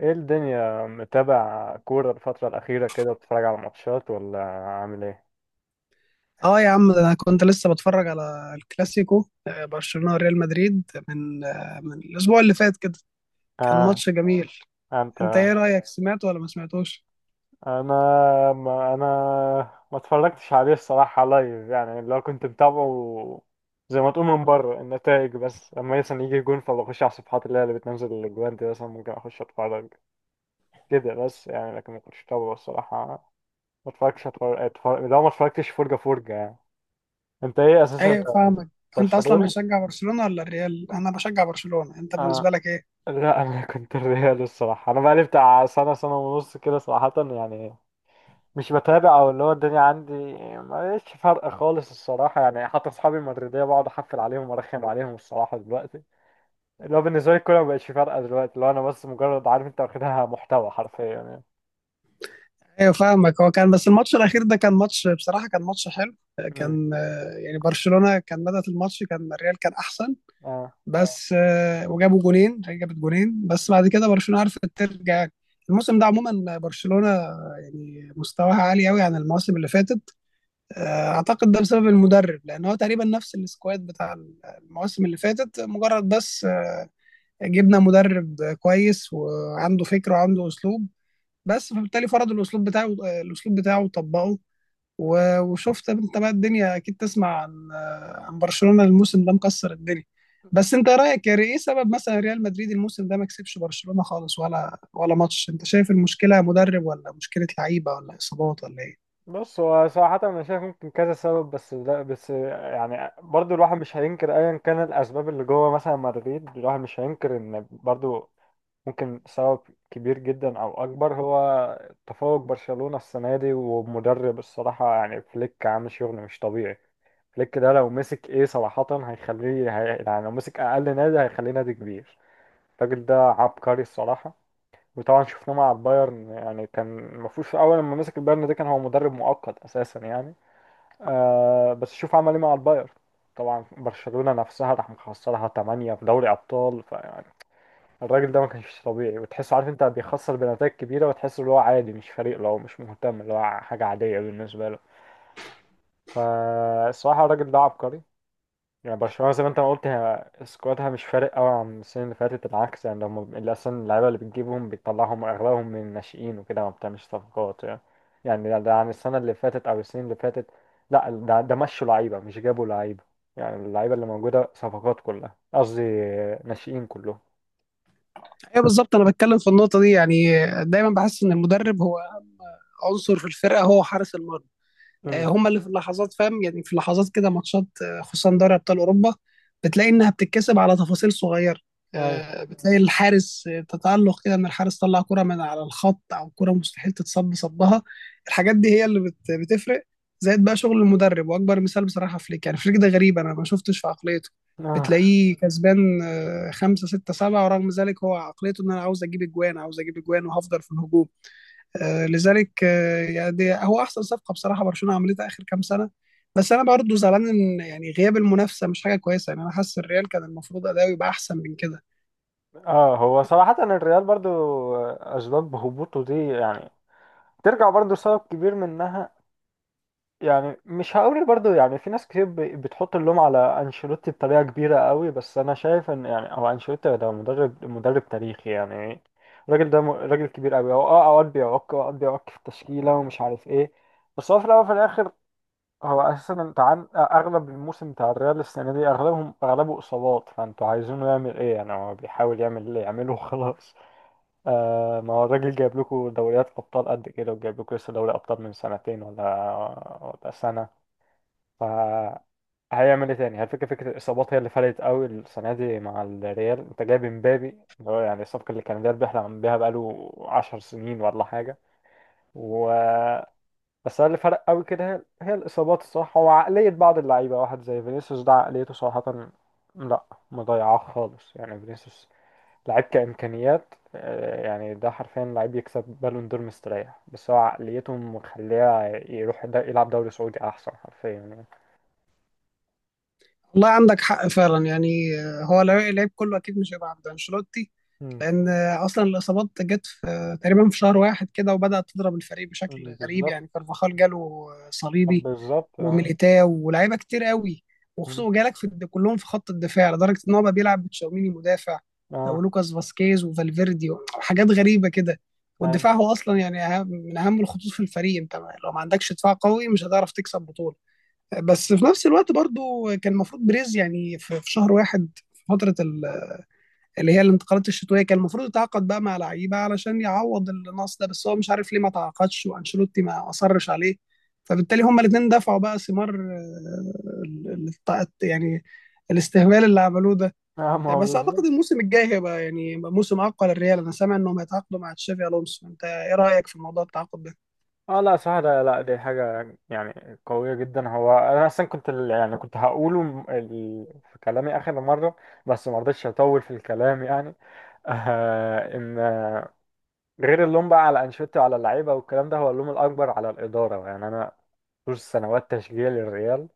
ايه الدنيا، متابع كورة الفترة الأخيرة كده؟ بتتفرج على ماتشات ولا عامل ايه؟ اه يا عم، ده انا كنت لسه بتفرج على الكلاسيكو، برشلونة وريال مدريد من الاسبوع اللي فات كده. كان اه. ماتش جميل. انت انت ايه رأيك، سمعته ولا ما سمعتوش؟ انا ما انا ما اتفرجتش عليه الصراحة لايف، يعني لو كنت متابعه زي ما تقول من بره النتائج. بس لما مثلا يجي جون فبخش على الصفحات اللي بتنزل الاجوان دي، مثلا ممكن اخش اتفرج كده بس يعني. لكن ما كنتش متابعه الصراحة. ما اتفرجتش اتفرج, أتفرج... لو ما اتفرجتش فرجة فرجة يعني. انت ايه اساسا؟ انت ايوه فاهمك. انت اصلا برشلوني؟ بتشجع برشلونة ولا الريال؟ انا بشجع برشلونة، انت اه، بالنسبة لك ايه؟ لا. انا كنت الريال الصراحه، انا بقالي بتاع سنه، سنه ونص كده صراحه يعني. مش بتابع، او اللي هو الدنيا عندي ماليش فرق خالص الصراحه يعني. حتى اصحابي المدريديه بقعد احفل عليهم وارخم عليهم الصراحه دلوقتي. اللي هو بالنسبه لي الكوره مبقتش فارقه دلوقتي، اللي هو انا بس مجرد، عارف انت، واخدها محتوى حرفيا يعني. ايوه فاهمك. هو كان بس الماتش الاخير ده كان ماتش، بصراحة كان ماتش حلو، امم كان يعني برشلونة كان بدأت الماتش، كان الريال كان احسن. اه. بس آه، وجابوا جونين جابت جونين، بس بعد كده برشلونة عرفت ترجع يعني. الموسم ده عموما برشلونة يعني مستواها عالي قوي عن المواسم اللي فاتت. اعتقد ده بسبب المدرب، لان هو تقريبا نفس السكواد بتاع المواسم اللي فاتت، مجرد بس جبنا مدرب كويس وعنده فكر وعنده اسلوب. بس فبالتالي فرض الاسلوب بتاعه، وطبقه. وشفت انت بقى، الدنيا اكيد تسمع عن برشلونة الموسم ده مكسر الدنيا. بس انت رايك، ايه سبب مثلا ريال مدريد الموسم ده ما كسبش برشلونة خالص، ولا ماتش؟ انت شايف المشكلة مدرب، ولا مشكلة لعيبة، ولا اصابات، ولا ايه؟ بص، هو صراحة أنا شايف ممكن كذا سبب، بس يعني برضو الواحد مش هينكر أيا كان الأسباب اللي جوه مثلا مدريد. الواحد مش هينكر إن برضو ممكن سبب كبير جدا او اكبر، هو تفوق برشلونة السنة دي ومدرب الصراحة يعني. فليك عامل شغل مش طبيعي. فليك ده لو مسك ايه صراحة هيخليه يعني لو مسك اقل نادي هيخليه نادي كبير. الراجل ده عبقري الصراحة. وطبعا شفناه مع البايرن، يعني كان المفروض في اول لما مسك البايرن ده، كان هو مدرب مؤقت اساسا يعني. بس شوف عمل ايه مع البايرن. طبعا برشلونة نفسها راح مخسرها 8 في دوري ابطال. الراجل ده ما كانش طبيعي، وتحسه عارف انت بيخسر بنتائج كبيرة، وتحسه اللي هو عادي، مش فريق، لو مش مهتم اللي هو حاجة عادية بالنسبة له. فالصراحة الراجل ده عبقري. يعني برشلونة زي ما انت ما قلت، هي سكوادها مش فارق قوي عن السنين اللي فاتت، بالعكس يعني. لما اللي اصلا اللعيبة اللي بتجيبهم بتطلعهم اغلبهم من الناشئين وكده، ما بتعملش صفقات يعني. يعني ده عن السنة اللي فاتت او السنين اللي فاتت. لا، ده مشوا لعيبة مش جابوا لعيبة. يعني اللعيبة اللي موجودة صفقات كلها، قصدي ناشئين كلهم. ايوه بالظبط، انا بتكلم في النقطة دي يعني. دايما بحس ان المدرب هو عنصر في الفرقة، هو حارس المرمى، امم هما اللي في اللحظات فاهم، يعني في اللحظات كده ماتشات، خصوصا دوري ابطال اوروبا، بتلاقي انها بتتكسب على تفاصيل صغيره. ايوه. بتلاقي الحارس تتألق كده، ان الحارس طلع كرة من على الخط، او كرة مستحيل تتصب صبها. الحاجات دي هي اللي بتفرق، زائد بقى شغل المدرب. واكبر مثال بصراحة فليك، يعني فليك ده غريب، انا ما شفتش في عقليته. آه. بتلاقيه كسبان خمسة ستة سبعة، ورغم ذلك هو عقليته ان انا عاوز اجيب اجوان، وهفضل في الهجوم. لذلك، يعني هو احسن صفقه بصراحه برشلونه عملتها اخر كام سنه. بس انا برضه زعلان ان يعني غياب المنافسه مش حاجه كويسه، يعني انا حاسس الريال كان المفروض اداؤه يبقى احسن من كده. اه، هو صراحة الريال برضو، أسباب هبوطه دي يعني ترجع برضو، سبب كبير منها، يعني مش هقول برضو يعني، في ناس كتير بتحط اللوم على أنشيلوتي بطريقة كبيرة قوي، بس أنا شايف إن يعني هو أنشيلوتي ده مدرب تاريخي يعني. الراجل ده راجل كبير قوي، هو اه، أوقات بيعك في التشكيلة ومش عارف إيه. بس هو في الأول وفي الآخر، هو أساسا أنت، عن أغلب الموسم بتاع الريال السنة دي، أغلبه إصابات. فأنتوا عايزينه يعمل إيه يعني؟ هو بيحاول يعمل اللي يعمله وخلاص. ما هو الراجل جايب لكم دوريات أبطال قد كده، وجايب لكم لسه دوري أبطال من سنتين ولا سنة. فهيعمل إيه تاني؟ هل فكرة الإصابات هي اللي فرقت قوي السنة دي مع الريال؟ أنت جايب إمبابي اللي هو يعني الصفقة اللي كان الريال بيحلم بيها بقاله 10 سنين ولا حاجة. و بس هو اللي فرق قوي كده، هي الإصابات الصراحة، وعقلية بعض اللعيبة. واحد زي فينيسيوس ده، عقليته صراحة لأ، مضيعة خالص يعني. فينيسيوس لعيب كإمكانيات، يعني ده حرفيا لعيب يكسب بالون دور مستريح، بس هو عقليته مخليه يروح دا يلعب دوري سعودي أحسن، حرفيا يعني. والله عندك حق فعلا، يعني اللعيب كله اكيد مش هيبقى عند انشيلوتي، مم. لان اصلا الاصابات جت في تقريبا في شهر واحد كده، وبدات تضرب الفريق بشكل غريب، بالظبط. يعني كارفاخال جاله طب صليبي بالظبط اه. وميليتاو ولاعيبه كتير قوي، مم. وخصوصا جالك كلهم في خط الدفاع، لدرجه ان هو بقى بيلعب بتشاوميني مدافع، اه. ولوكاس فاسكيز وفالفيردي وحاجات غريبه كده. اي. والدفاع هو اصلا يعني من اهم الخطوط في الفريق، انت لو ما عندكش دفاع قوي مش هتعرف تكسب بطوله. بس في نفس الوقت برضو كان المفروض بريز يعني في شهر واحد، في فتره اللي هي الانتقالات الشتويه، كان المفروض يتعاقد بقى مع لعيبه علشان يعوض النقص ده، بس هو مش عارف ليه ما تعاقدش، وانشيلوتي ما اصرش عليه، فبالتالي هما الاثنين دفعوا بقى ثمار يعني الاستهبال اللي عملوه ده. اه، ما هو بس اعتقد بالظبط. الموسم الجاي هيبقى يعني موسم اقوى للريال. انا سامع انهم هيتعاقدوا مع تشافي الونسو، انت ايه رايك في موضوع التعاقد؟ اه لا صح، ده لا، دي حاجة يعني قوية جدا. هو انا اصلا كنت يعني كنت هقوله في كلامي اخر مرة. بس ما رضيتش اطول في الكلام يعني. ان غير اللوم بقى على انشيلوتي وعلى اللعيبه والكلام ده، هو اللوم الاكبر على الاداره يعني. انا طول سنوات تشجيعي للريال،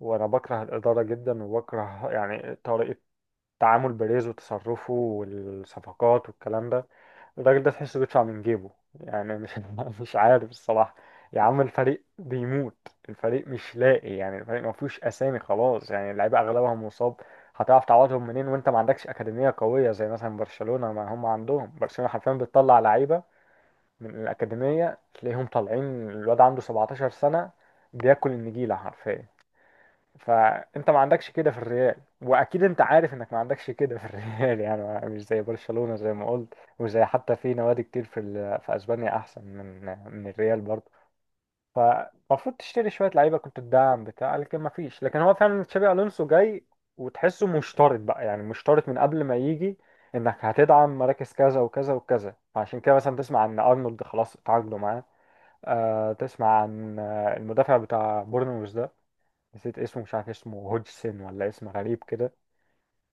وانا بكره الاداره جدا، وبكره يعني طريقه تعامل بيريز وتصرفه والصفقات والكلام ده. الراجل ده تحسه بيدفع من جيبه، يعني مش مش عارف الصراحه. يا عم، الفريق بيموت، الفريق مش لاقي يعني، الفريق ما فيهوش اسامي، خلاص يعني اللعيبه اغلبها مصاب. هتعرف تعوضهم منين وانت ما عندكش اكاديميه قويه زي مثلا برشلونه؟ ما هم عندهم برشلونه حرفيا بتطلع لعيبه من الأكاديمية، تلاقيهم طالعين الواد عنده 17 سنة بياكل النجيلة حرفيا. فأنت ما عندكش كده في الريال، وأكيد أنت عارف إنك ما عندكش كده في الريال. يعني مش زي برشلونة زي ما قلت، وزي حتى في نوادي كتير في أسبانيا أحسن من الريال برضه. فالمفروض تشتري شوية لعيبة كنت تدعم بتاع، لكن ما فيش. لكن هو فعلا تشابي ألونسو جاي، وتحسه مشترط بقى، يعني مشترط من قبل ما يجي انك هتدعم مراكز كذا وكذا وكذا. فعشان كده مثلا تسمع ان ارنولد خلاص اتعاقدوا معاه. تسمع عن المدافع بتاع بورنموث ده، نسيت اسمه، مش عارف اسمه هودجسون ولا اسم غريب كده.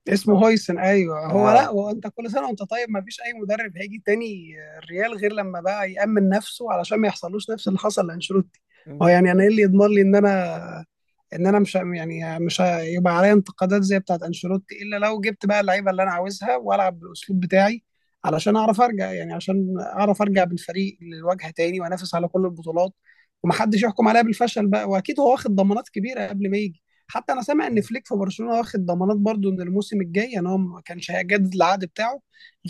اسمه هويسن. ايوه، هو لا، اه. هو انت كل سنه وانت طيب، ما فيش اي مدرب هيجي تاني الريال غير لما بقى يأمن نفسه علشان ما يحصلوش نفس اللي حصل لانشيلوتي. هو يعني انا ايه اللي يضمن لي ان انا مش يعني مش هيبقى عليا انتقادات زي بتاعت انشيلوتي، الا لو جبت بقى اللعيبه اللي انا عاوزها، والعب بالاسلوب بتاعي علشان اعرف ارجع، يعني عشان اعرف ارجع بالفريق للواجهه تاني، وانافس على كل البطولات، ومحدش يحكم عليا بالفشل بقى. واكيد هو واخد ضمانات كبيره قبل ما يجي. حتى انا سامع ان فليك في برشلونه واخد ضمانات برضو، ان الموسم الجاي ان هو ما كانش هيجدد العقد بتاعه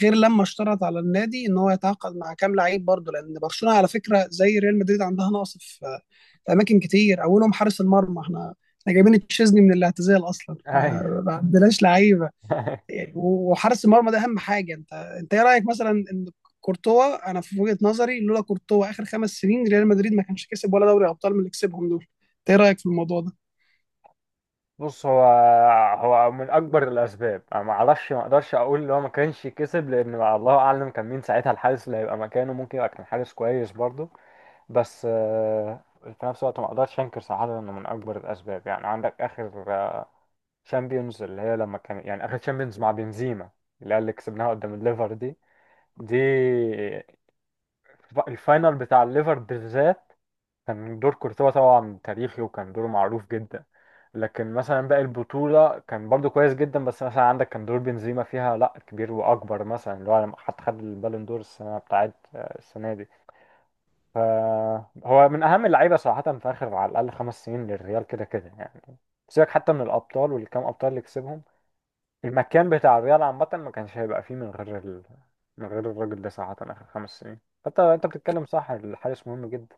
غير لما اشترط على النادي ان هو يتعاقد مع كام لعيب برضو، لان برشلونه على فكره زي ريال مدريد عندها نقص في اماكن كتير، اولهم حارس المرمى. احنا جايبين تشيزني من الاعتزال اصلا، اي. ما عندناش لعيبه. يعني وحارس المرمى ده اهم حاجه، انت ايه رايك مثلا ان كورتوا، انا في وجهه نظري لولا كورتوا اخر 5 سنين ريال مدريد ما كانش كسب ولا دوري ابطال من اللي كسبهم دول. انت ايه رايك في الموضوع ده؟ بص، هو من اكبر الاسباب. انا ما اعرفش، ما اقدرش اقول ان هو ما كانش كسب، لان بقى الله اعلم كان مين ساعتها الحارس اللي هيبقى مكانه، ممكن يبقى كان حارس كويس برضه. بس في نفس الوقت ما اقدرش انكر صراحه انه من اكبر الاسباب. يعني عندك اخر شامبيونز، اللي هي لما كان يعني اخر شامبيونز مع بنزيما، اللي هي اللي كسبناها قدام الليفر دي. دي الفاينل بتاع الليفر بالذات، كان دور كورتوا طبعا تاريخي، وكان دوره معروف جدا. لكن مثلا باقي البطولة كان برضو كويس جدا، بس مثلا عندك كان دور بنزيما فيها لا كبير واكبر، مثلا اللي هو لما حتى خد البالون دور السنة بتاعت السنة دي. فهو من اهم اللعيبة صراحة في اخر على الاقل 5 سنين للريال، كده كده يعني. سيبك حتى من الابطال والكام ابطال اللي كسبهم، المكان بتاع الرياضة عامة ما كانش هيبقى فيه من غير الراجل ده صراحة آخر 5 سنين. فأنت بتتكلم صح، الحارس مهم جدا.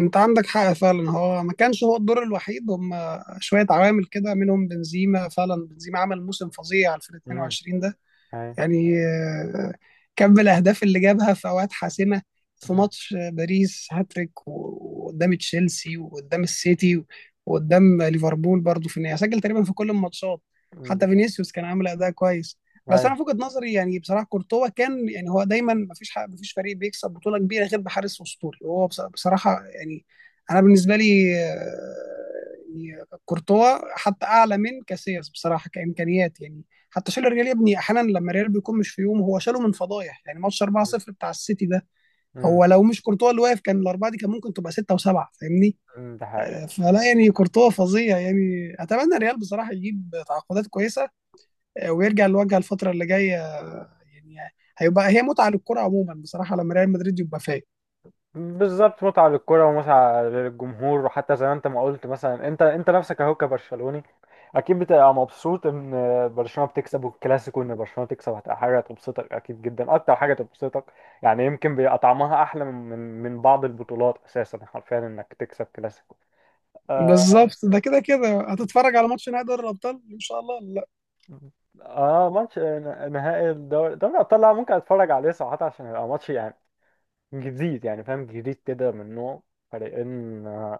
انت عندك حق فعلا، هو ما كانش هو الدور الوحيد، هم شويه عوامل كده منهم بنزيما، فعلا بنزيما عمل موسم فظيع في ال امم 22 ده، هاي. يعني كم الأهداف اللي جابها في أوقات حاسمة، في ماتش باريس هاتريك، وقدام تشيلسي، وقدام السيتي، وقدام ليفربول برضه، في النهاية سجل تقريبا في كل الماتشات. حتى ده- فينيسيوس كان عامل أداء كويس. بس هاي. أنا في وجهة نظري، يعني بصراحة كورتوا كان، يعني هو دايما مفيش حق، مفيش فريق بيكسب بطولة كبيرة غير بحارس أسطوري. وهو بصراحة، يعني أنا بالنسبة لي، يعني كورتوا حتى أعلى من كاسياس بصراحة كإمكانيات، يعني حتى شال الريال يا ابني احيانا، لما الريال بيكون مش في يوم هو شاله من فضايح، يعني ماتش 4-0 بتاع السيتي ده، امم هو لو مش كورتوا اللي واقف كان الاربعه دي كان ممكن تبقى سته وسبعه، فاهمني؟ ده حقيقي. فلا يعني كورتوا فظيع، يعني اتمنى الريال بصراحه يجيب تعاقدات كويسه، ويرجع للواجهه الفتره اللي جايه. يعني هيبقى هي متعه للكره عموما بصراحه لما ريال مدريد يبقى فايق. بالظبط، متعة للكرة ومتعة للجمهور، وحتى زي ما انت ما قلت، مثلا انت نفسك اهو كبرشلوني، اكيد بتبقى مبسوط ان برشلونة بتكسب. والكلاسيكو، ان برشلونة تكسب، هتبقى حاجة تبسطك اكيد جدا، اكتر حاجة تبسطك يعني. يمكن بيبقى طعمها احلى من بعض البطولات، اساسا حرفيا انك تكسب كلاسيكو. آه. بالظبط، ده كده كده هتتفرج على ماتش نهائي دوري الابطال ان شاء الله ولا لا؟ اه، ماتش نهائي الدوري، دوري الابطال، لا ممكن اتفرج عليه صراحة، عشان يبقى ماتش يعني جديد يعني، فاهم جديد كده، من نوع فريقين،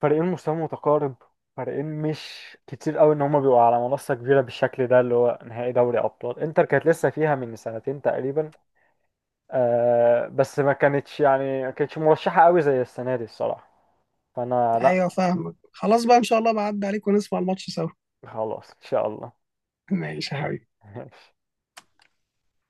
فريقين مستوى متقارب، فريقين مش كتير قوي ان هما بيبقوا على منصة كبيرة بالشكل ده اللي هو نهائي دوري ابطال. انتر كانت لسه فيها من سنتين تقريبا. بس ما كانتش مرشحة قوي زي السنة دي الصراحة. فانا لا. ايوه فاهمك، خلاص بقى، ان شاء الله بعد عليك ونسمع الماتش سوا. خلاص ان شاء الله. ماشي يا حبيبي.